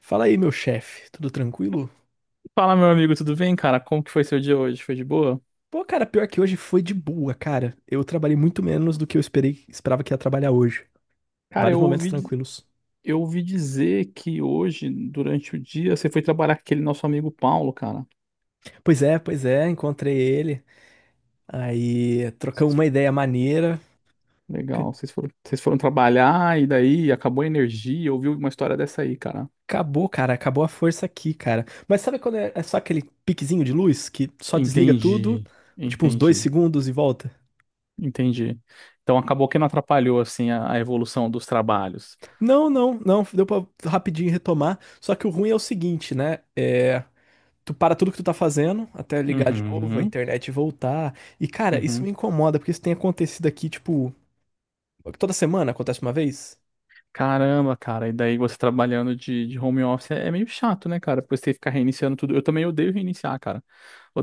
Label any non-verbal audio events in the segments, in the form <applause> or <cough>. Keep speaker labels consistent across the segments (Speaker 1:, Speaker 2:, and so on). Speaker 1: Fala aí, meu chefe, tudo tranquilo?
Speaker 2: Fala, meu amigo, tudo bem, cara? Como que foi seu dia hoje? Foi de boa?
Speaker 1: Pô, cara, pior que hoje foi de boa, cara. Eu trabalhei muito menos do que eu esperava que ia trabalhar hoje.
Speaker 2: Cara,
Speaker 1: Vários momentos tranquilos.
Speaker 2: eu ouvi dizer que hoje, durante o dia, você foi trabalhar com aquele nosso amigo Paulo, cara.
Speaker 1: Pois é, encontrei ele. Aí trocamos
Speaker 2: Vocês-
Speaker 1: uma ideia maneira. Ca-
Speaker 2: Legal, vocês foram trabalhar e daí acabou a energia. Eu ouvi uma história dessa aí, cara.
Speaker 1: Acabou, cara, acabou a força aqui, cara. Mas sabe quando é só aquele piquezinho de luz que só desliga tudo,
Speaker 2: Entendi,
Speaker 1: tipo uns dois
Speaker 2: entendi,
Speaker 1: segundos e volta?
Speaker 2: entendi. Então acabou que não atrapalhou, assim, a evolução dos trabalhos.
Speaker 1: Não, não, não, deu pra rapidinho retomar. Só que o ruim é o seguinte, né? É. Tu para tudo que tu tá fazendo, até ligar de novo, a
Speaker 2: Uhum,
Speaker 1: internet voltar. E, cara, isso
Speaker 2: uhum.
Speaker 1: me incomoda, porque isso tem acontecido aqui, tipo, toda semana acontece uma vez?
Speaker 2: Caramba, cara, e daí você trabalhando de home office é meio chato, né, cara? Depois tem que ficar reiniciando tudo. Eu também odeio reiniciar, cara.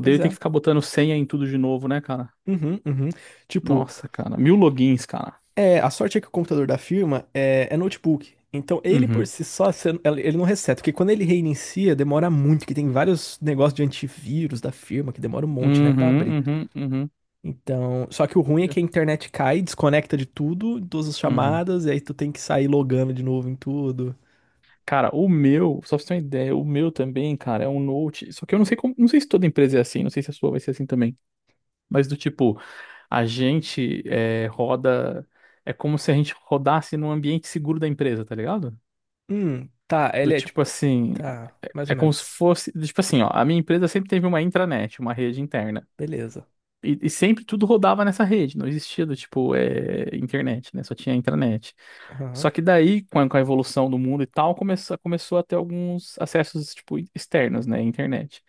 Speaker 1: Pois
Speaker 2: ter que
Speaker 1: é.
Speaker 2: ficar botando senha em tudo de novo, né, cara?
Speaker 1: Uhum, uhum. Tipo,
Speaker 2: Nossa, cara. Mil logins, cara.
Speaker 1: é, a sorte é que o computador da firma é notebook. Então, ele por
Speaker 2: Uhum.
Speaker 1: si só, ele não reseta, porque quando ele reinicia, demora muito, que tem vários negócios de antivírus da firma, que demora um monte, né, pra abrir.
Speaker 2: Uhum, uhum, uhum.
Speaker 1: Então, só que o ruim é
Speaker 2: Eu-
Speaker 1: que a internet cai, desconecta de tudo, todas as
Speaker 2: uhum.
Speaker 1: chamadas, e aí tu tem que sair logando de novo em tudo.
Speaker 2: Cara, o meu, só pra você ter uma ideia, o meu também, cara, é um Note. Só que eu não sei como, não sei se toda empresa é assim, não sei se a sua vai ser assim também. Mas do tipo, a gente é, roda. É como se a gente rodasse num ambiente seguro da empresa, tá ligado?
Speaker 1: Tá,
Speaker 2: Do
Speaker 1: ele é
Speaker 2: tipo
Speaker 1: tipo.
Speaker 2: assim,
Speaker 1: Tá,
Speaker 2: é
Speaker 1: mais
Speaker 2: é
Speaker 1: ou
Speaker 2: como se
Speaker 1: menos.
Speaker 2: fosse, tipo assim, ó, a minha empresa sempre teve uma intranet, uma rede interna.
Speaker 1: Beleza.
Speaker 2: E sempre tudo rodava nessa rede, não existia do tipo é, internet, né? Só tinha intranet. Só
Speaker 1: Aham,
Speaker 2: que daí, com a evolução do mundo e tal, começou a ter alguns acessos tipo externos, né? Internet.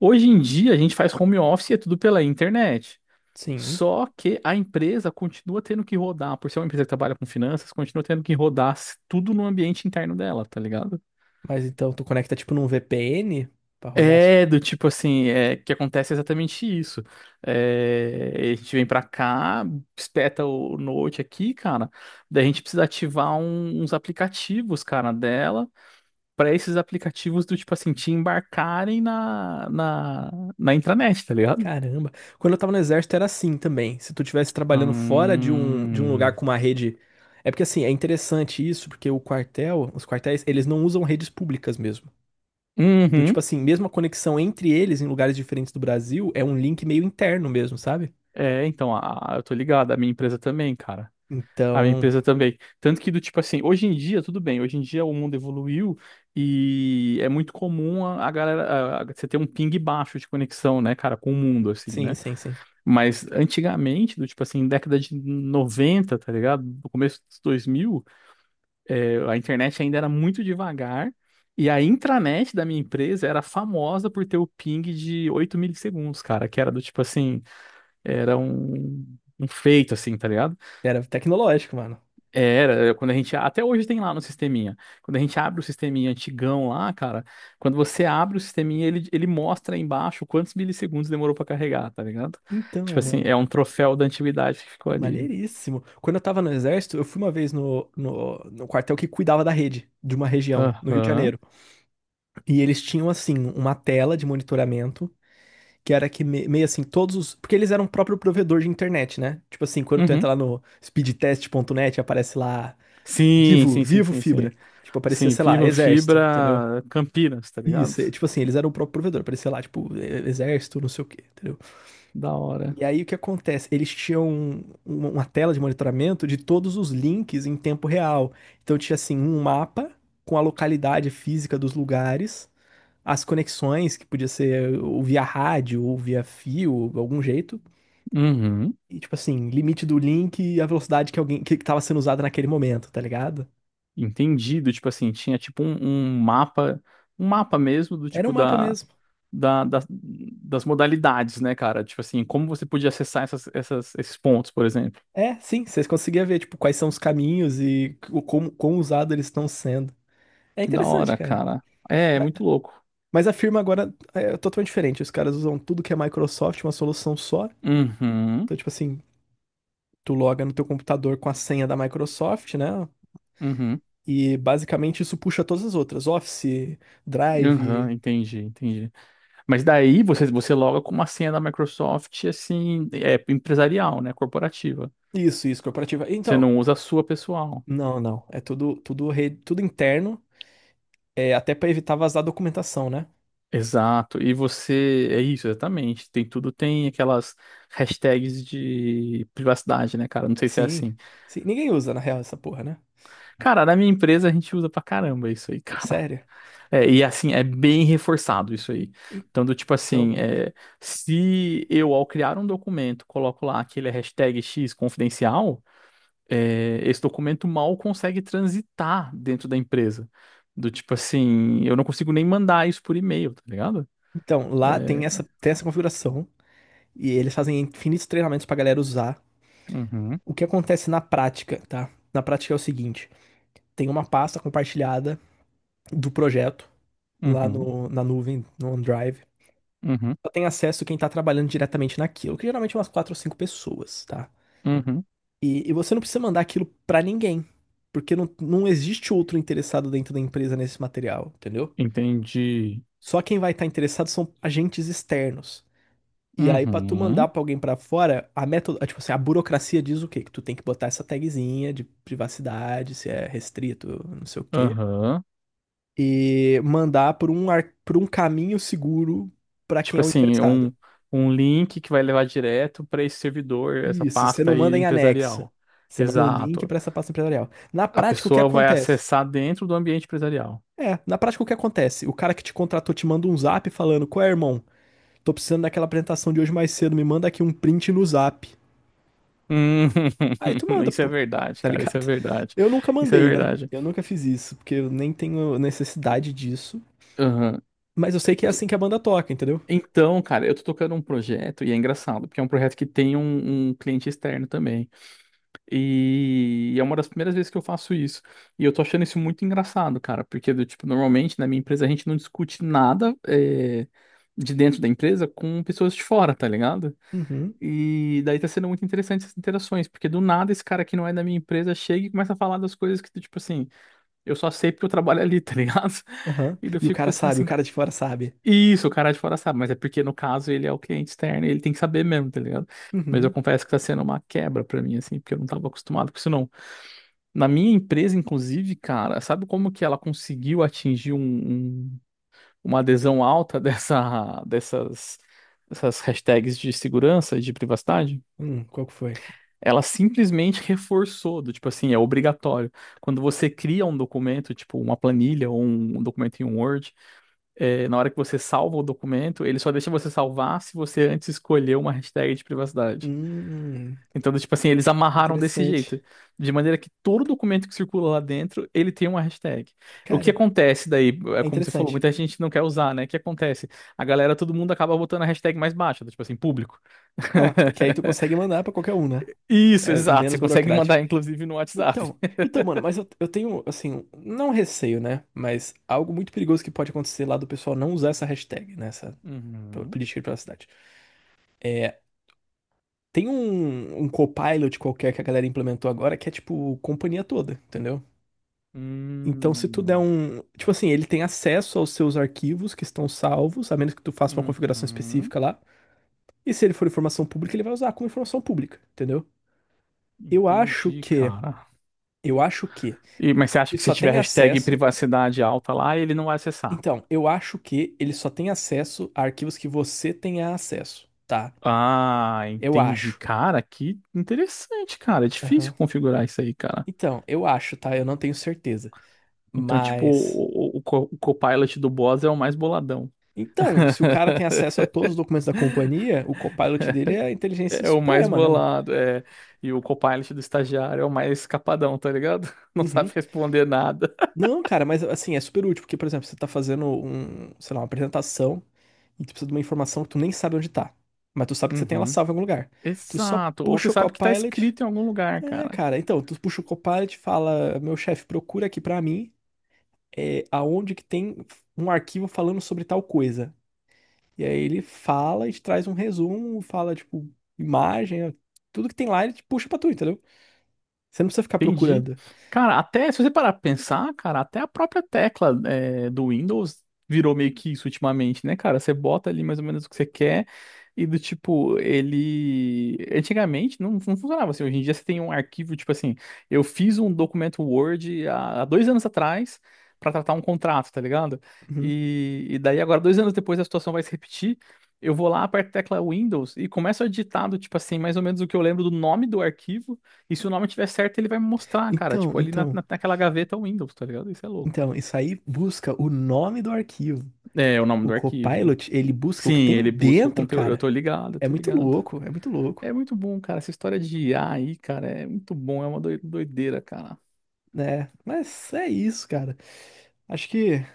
Speaker 2: Hoje em dia a gente faz home office e é tudo pela internet.
Speaker 1: sim.
Speaker 2: Só que a empresa continua tendo que rodar, por ser uma empresa que trabalha com finanças, continua tendo que rodar tudo no ambiente interno dela, tá ligado?
Speaker 1: Mas então tu conecta tipo num VPN pra rodar.
Speaker 2: É, do tipo assim, é que acontece exatamente isso. É, a gente vem pra cá, espeta o Note aqui, cara. Daí a gente precisa ativar uns aplicativos, cara, dela, pra esses aplicativos do tipo assim, te embarcarem na intranet, tá ligado?
Speaker 1: Caramba. Quando eu tava no exército era assim também. Se tu estivesse trabalhando fora de um lugar
Speaker 2: Hum,
Speaker 1: com uma rede. É porque assim, é interessante isso, porque o quartel, os quartéis, eles não usam redes públicas mesmo. Do tipo
Speaker 2: uhum.
Speaker 1: assim, mesmo a conexão entre eles em lugares diferentes do Brasil é um link meio interno mesmo, sabe?
Speaker 2: É, então, eu tô ligado, a minha empresa também, cara. A minha
Speaker 1: Então,
Speaker 2: empresa também. Tanto que do tipo assim, hoje em dia, tudo bem, hoje em dia o mundo evoluiu e é muito comum a galera, você ter um ping baixo de conexão, né, cara, com o mundo, assim,
Speaker 1: sim,
Speaker 2: né?
Speaker 1: sim, sim.
Speaker 2: Mas antigamente, do tipo assim, década de 90 tá ligado? No começo dos 2000, a internet ainda era muito devagar e a intranet da minha empresa era famosa por ter o ping de 8 milissegundos, cara, que era do tipo assim, era um feito, assim, tá ligado?
Speaker 1: Era tecnológico, mano.
Speaker 2: Era, é, quando a gente. Até hoje tem lá no sisteminha. Quando a gente abre o sisteminha antigão lá, cara, quando você abre o sisteminha, ele mostra aí embaixo quantos milissegundos demorou pra carregar, tá ligado? Tipo
Speaker 1: Então,
Speaker 2: assim,
Speaker 1: mano.
Speaker 2: é um troféu da antiguidade que ficou ali.
Speaker 1: Maneiríssimo. Quando eu tava no exército, eu fui uma vez no, no quartel que cuidava da rede de uma região, no Rio de
Speaker 2: Aham.
Speaker 1: Janeiro. E eles tinham, assim, uma tela de monitoramento, que era meio assim, todos os. Porque eles eram o próprio provedor de internet, né? Tipo assim, quando tu
Speaker 2: Uhum.
Speaker 1: entra lá no speedtest.net, aparece lá,
Speaker 2: Sim,
Speaker 1: vivo,
Speaker 2: sim, sim,
Speaker 1: vivo
Speaker 2: sim, sim.
Speaker 1: fibra. Tipo, aparecia,
Speaker 2: Sim,
Speaker 1: sei lá,
Speaker 2: Vivo
Speaker 1: exército, entendeu?
Speaker 2: Fibra Campinas, tá
Speaker 1: Isso,
Speaker 2: ligado?
Speaker 1: é, tipo assim, eles eram o próprio provedor, aparecia lá, tipo, exército, não sei o quê, entendeu?
Speaker 2: Da hora.
Speaker 1: E aí o que acontece? Eles tinham uma tela de monitoramento de todos os links em tempo real. Então tinha assim um mapa com a localidade física dos lugares, as conexões que podia ser ou via rádio ou via fio, ou de algum jeito,
Speaker 2: Uhum.
Speaker 1: e tipo assim, limite do link e a velocidade que alguém que estava sendo usada naquele momento, tá ligado?
Speaker 2: Entendido, tipo assim, tinha tipo um, um mapa, um mapa mesmo do
Speaker 1: Era um
Speaker 2: tipo
Speaker 1: mapa mesmo.
Speaker 2: das modalidades, né, cara? Tipo assim, como você podia acessar essas, esses pontos, por exemplo.
Speaker 1: É, sim, vocês conseguiam ver tipo quais são os caminhos e o como quão usados eles estão sendo. É
Speaker 2: Que da
Speaker 1: interessante,
Speaker 2: hora,
Speaker 1: cara.
Speaker 2: cara. É, é muito louco.
Speaker 1: Mas a firma agora é totalmente diferente. Os caras usam tudo que é Microsoft, uma solução só.
Speaker 2: Uhum,
Speaker 1: Então, tipo assim, tu loga no teu computador com a senha da Microsoft, né?
Speaker 2: uhum,
Speaker 1: E basicamente isso puxa todas as outras. Office, Drive,
Speaker 2: uhum, entendi, entendi. Mas daí você, loga com uma senha da Microsoft, assim, é empresarial, né, corporativa.
Speaker 1: isso, corporativa.
Speaker 2: Você
Speaker 1: Então,
Speaker 2: não usa a sua pessoal.
Speaker 1: não, não. É tudo, tudo, rede, tudo interno. É até pra evitar vazar documentação, né?
Speaker 2: Exato, e você, é isso, exatamente. Tem tudo, tem aquelas hashtags de privacidade, né, cara? Não sei se é
Speaker 1: Sim.
Speaker 2: assim.
Speaker 1: Sim. Ninguém usa, na real, essa porra, né?
Speaker 2: Cara, na minha empresa a gente usa pra caramba isso aí, <laughs>
Speaker 1: É
Speaker 2: cara.
Speaker 1: sério?
Speaker 2: É, e assim, é bem reforçado isso aí. Então, do tipo
Speaker 1: Então,
Speaker 2: assim,
Speaker 1: mano.
Speaker 2: é, se eu, ao criar um documento, coloco lá que ele é hashtag X confidencial, é, esse documento mal consegue transitar dentro da empresa. Do tipo assim, eu não consigo nem mandar isso por e-mail, tá ligado?
Speaker 1: Então, lá
Speaker 2: É,
Speaker 1: tem essa configuração. E eles fazem infinitos treinamentos pra galera usar.
Speaker 2: uhum,
Speaker 1: O que acontece na prática, tá? Na prática é o seguinte: tem uma pasta compartilhada do projeto lá
Speaker 2: uhum,
Speaker 1: no, na nuvem, no OneDrive.
Speaker 2: uhum,
Speaker 1: Só tem acesso quem está trabalhando diretamente naquilo, que geralmente é umas quatro ou cinco pessoas, tá?
Speaker 2: uhum.
Speaker 1: E você não precisa mandar aquilo para ninguém, porque não existe outro interessado dentro da empresa nesse material, entendeu?
Speaker 2: Entendi.
Speaker 1: Só quem vai estar tá interessado são agentes externos. E aí, pra tu mandar
Speaker 2: Uhum,
Speaker 1: pra alguém pra fora, a método, tipo assim, a burocracia diz o quê? Que tu tem que botar essa tagzinha de privacidade, se é restrito, não sei o quê,
Speaker 2: aham.
Speaker 1: e mandar por por um caminho seguro pra quem
Speaker 2: Tipo
Speaker 1: é o
Speaker 2: assim,
Speaker 1: interessado.
Speaker 2: um, link que vai levar direto para esse servidor, essa
Speaker 1: Isso, você
Speaker 2: pasta
Speaker 1: não manda
Speaker 2: aí
Speaker 1: em anexo.
Speaker 2: empresarial.
Speaker 1: Você manda um link
Speaker 2: Exato.
Speaker 1: pra essa pasta empresarial. Na
Speaker 2: A
Speaker 1: prática, o que
Speaker 2: pessoa vai
Speaker 1: acontece?
Speaker 2: acessar dentro do ambiente empresarial.
Speaker 1: É, na prática, o que acontece? O cara que te contratou te manda um zap falando: Qual é, irmão? Tô precisando daquela apresentação de hoje mais cedo, me manda aqui um print no zap.
Speaker 2: Hum,
Speaker 1: Aí tu
Speaker 2: <laughs>
Speaker 1: manda,
Speaker 2: isso é
Speaker 1: pô,
Speaker 2: verdade,
Speaker 1: tá
Speaker 2: cara. Isso é
Speaker 1: ligado?
Speaker 2: verdade.
Speaker 1: Eu nunca
Speaker 2: Isso é
Speaker 1: mandei, né?
Speaker 2: verdade.
Speaker 1: Eu nunca fiz isso, porque eu nem tenho necessidade disso.
Speaker 2: Aham.
Speaker 1: Mas eu sei que é
Speaker 2: Eu tô-
Speaker 1: assim que a banda toca, entendeu?
Speaker 2: Então, cara, eu tô tocando um projeto e é engraçado, porque é um projeto que tem um cliente externo também. E é uma das primeiras vezes que eu faço isso. E eu tô achando isso muito engraçado, cara, porque do tipo, normalmente na minha empresa a gente não discute nada é, de dentro da empresa com pessoas de fora, tá ligado?
Speaker 1: Uhum,
Speaker 2: E daí tá sendo muito interessante essas interações, porque do nada esse cara que não é da minha empresa chega e começa a falar das coisas que, tipo assim, eu só sei porque eu trabalho ali, tá ligado? <laughs>
Speaker 1: aham.
Speaker 2: E daí eu
Speaker 1: E o
Speaker 2: fico
Speaker 1: cara
Speaker 2: pensando
Speaker 1: sabe, o
Speaker 2: assim,
Speaker 1: cara de fora sabe.
Speaker 2: isso, o cara de fora sabe, mas é porque no caso ele é o cliente externo e ele tem que saber mesmo, tá ligado? Mas eu
Speaker 1: Uhum.
Speaker 2: confesso que tá sendo uma quebra pra mim, assim, porque eu não tava acostumado com isso, não. Na minha empresa, inclusive, cara, sabe como que ela conseguiu atingir uma adesão alta <laughs> dessas hashtags de segurança e de privacidade?
Speaker 1: Qual que foi?
Speaker 2: Ela simplesmente reforçou, do tipo assim, é obrigatório. Quando você cria um documento, tipo uma planilha ou um documento em um Word, é, na hora que você salva o documento, ele só deixa você salvar se você antes escolher uma hashtag de privacidade.
Speaker 1: Hum,
Speaker 2: Então, tipo assim, eles amarraram desse
Speaker 1: interessante.
Speaker 2: jeito. De maneira que todo documento que circula lá dentro, ele tem uma hashtag. O que
Speaker 1: Cara,
Speaker 2: acontece daí, é
Speaker 1: é
Speaker 2: como você falou,
Speaker 1: interessante.
Speaker 2: muita gente não quer usar, né? O que acontece? A galera, todo mundo acaba botando a hashtag mais baixa, tipo assim, público.
Speaker 1: Ah, porque aí tu consegue
Speaker 2: <laughs>
Speaker 1: mandar pra qualquer um, né?
Speaker 2: Isso,
Speaker 1: É
Speaker 2: exato. Você
Speaker 1: menos
Speaker 2: consegue
Speaker 1: burocrático.
Speaker 2: mandar, inclusive, no WhatsApp.
Speaker 1: Então, mano, mas eu tenho, assim, não receio, né? Mas algo muito perigoso que pode acontecer lá do pessoal não usar essa hashtag, né? Essa
Speaker 2: Uhum.
Speaker 1: política de privacidade. É, tem um Copilot qualquer que a galera implementou agora que é tipo companhia toda, entendeu? Então, se tu der
Speaker 2: Hum.
Speaker 1: um. Tipo assim, ele tem acesso aos seus arquivos que estão salvos, a menos que tu faça uma configuração
Speaker 2: Uhum.
Speaker 1: específica lá. E se ele for informação pública, ele vai usar como informação pública, entendeu? Eu acho
Speaker 2: Entendi,
Speaker 1: que.
Speaker 2: cara.
Speaker 1: Eu acho que
Speaker 2: E, mas você acha
Speaker 1: ele
Speaker 2: que se
Speaker 1: só
Speaker 2: tiver
Speaker 1: tem
Speaker 2: hashtag
Speaker 1: acesso.
Speaker 2: privacidade alta lá, ele não vai acessar?
Speaker 1: Então, eu acho que ele só tem acesso a arquivos que você tenha acesso, tá?
Speaker 2: Ah,
Speaker 1: Eu
Speaker 2: entendi.
Speaker 1: acho.
Speaker 2: Cara, que interessante, cara. É difícil
Speaker 1: Aham.
Speaker 2: configurar isso aí, cara.
Speaker 1: Então, eu acho, tá? Eu não tenho certeza.
Speaker 2: Então, tipo,
Speaker 1: Mas.
Speaker 2: o Copilot do boss é o mais boladão.
Speaker 1: Então, se o cara tem
Speaker 2: <laughs>
Speaker 1: acesso a todos os documentos da companhia, o Copilot dele é a inteligência
Speaker 2: É o mais
Speaker 1: suprema, né, mano?
Speaker 2: bolado, é. E o Copilot do estagiário é o mais capadão, tá ligado? <laughs> Não
Speaker 1: Uhum.
Speaker 2: sabe responder nada.
Speaker 1: Não, cara, mas assim, é super útil, porque, por exemplo, você tá fazendo um, sei lá, uma apresentação e tu precisa de uma informação que tu nem sabe onde tá. Mas tu sabe que você tem ela
Speaker 2: Uhum.
Speaker 1: salva em algum lugar. Tu só
Speaker 2: Exato. Ou você
Speaker 1: puxa o
Speaker 2: sabe que tá
Speaker 1: Copilot.
Speaker 2: escrito em algum lugar,
Speaker 1: É,
Speaker 2: cara.
Speaker 1: cara, então, tu puxa o Copilot, fala, meu chefe, procura aqui pra mim, é, aonde que tem um arquivo falando sobre tal coisa. E aí ele fala e te traz um resumo, fala, tipo, imagem, tudo que tem lá ele te puxa pra tu, entendeu? Você não precisa ficar
Speaker 2: Entendi.
Speaker 1: procurando.
Speaker 2: Cara, até se você parar pra pensar, cara, até a própria tecla é, do Windows virou meio que isso ultimamente, né, cara? Você bota ali mais ou menos o que você quer e do tipo, ele. Antigamente não, não funcionava assim. Hoje em dia você tem um arquivo, tipo assim, eu fiz um documento Word há, há, 2 anos atrás pra tratar um contrato, tá ligado?
Speaker 1: Uhum.
Speaker 2: E daí agora, 2 anos depois, a situação vai se repetir. Eu vou lá, aperto a tecla Windows e começo a digitar do tipo assim, mais ou menos o que eu lembro do nome do arquivo. E se o nome tiver certo, ele vai me mostrar, cara.
Speaker 1: Então,
Speaker 2: Tipo, ali
Speaker 1: então,
Speaker 2: naquela gaveta Windows, tá ligado? Isso é louco.
Speaker 1: então, isso aí busca o nome do arquivo.
Speaker 2: É, é o nome
Speaker 1: O
Speaker 2: do arquivo.
Speaker 1: Copilot, ele busca o que
Speaker 2: Sim,
Speaker 1: tem
Speaker 2: ele busca o
Speaker 1: dentro,
Speaker 2: conteúdo. Eu
Speaker 1: cara.
Speaker 2: tô ligado, eu
Speaker 1: É
Speaker 2: tô
Speaker 1: muito
Speaker 2: ligado.
Speaker 1: louco, é muito louco,
Speaker 2: É muito bom, cara. Essa história de IA aí, cara, é muito bom. É uma doideira, cara.
Speaker 1: né? Mas é isso, cara. Acho que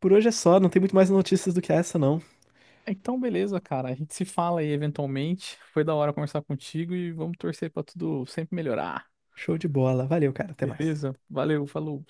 Speaker 1: por hoje é só, não tem muito mais notícias do que essa, não.
Speaker 2: Então, beleza, cara. A gente se fala aí eventualmente. Foi da hora conversar contigo e vamos torcer pra tudo sempre melhorar.
Speaker 1: Show de bola. Valeu, cara. Até mais.
Speaker 2: Beleza? Valeu, falou.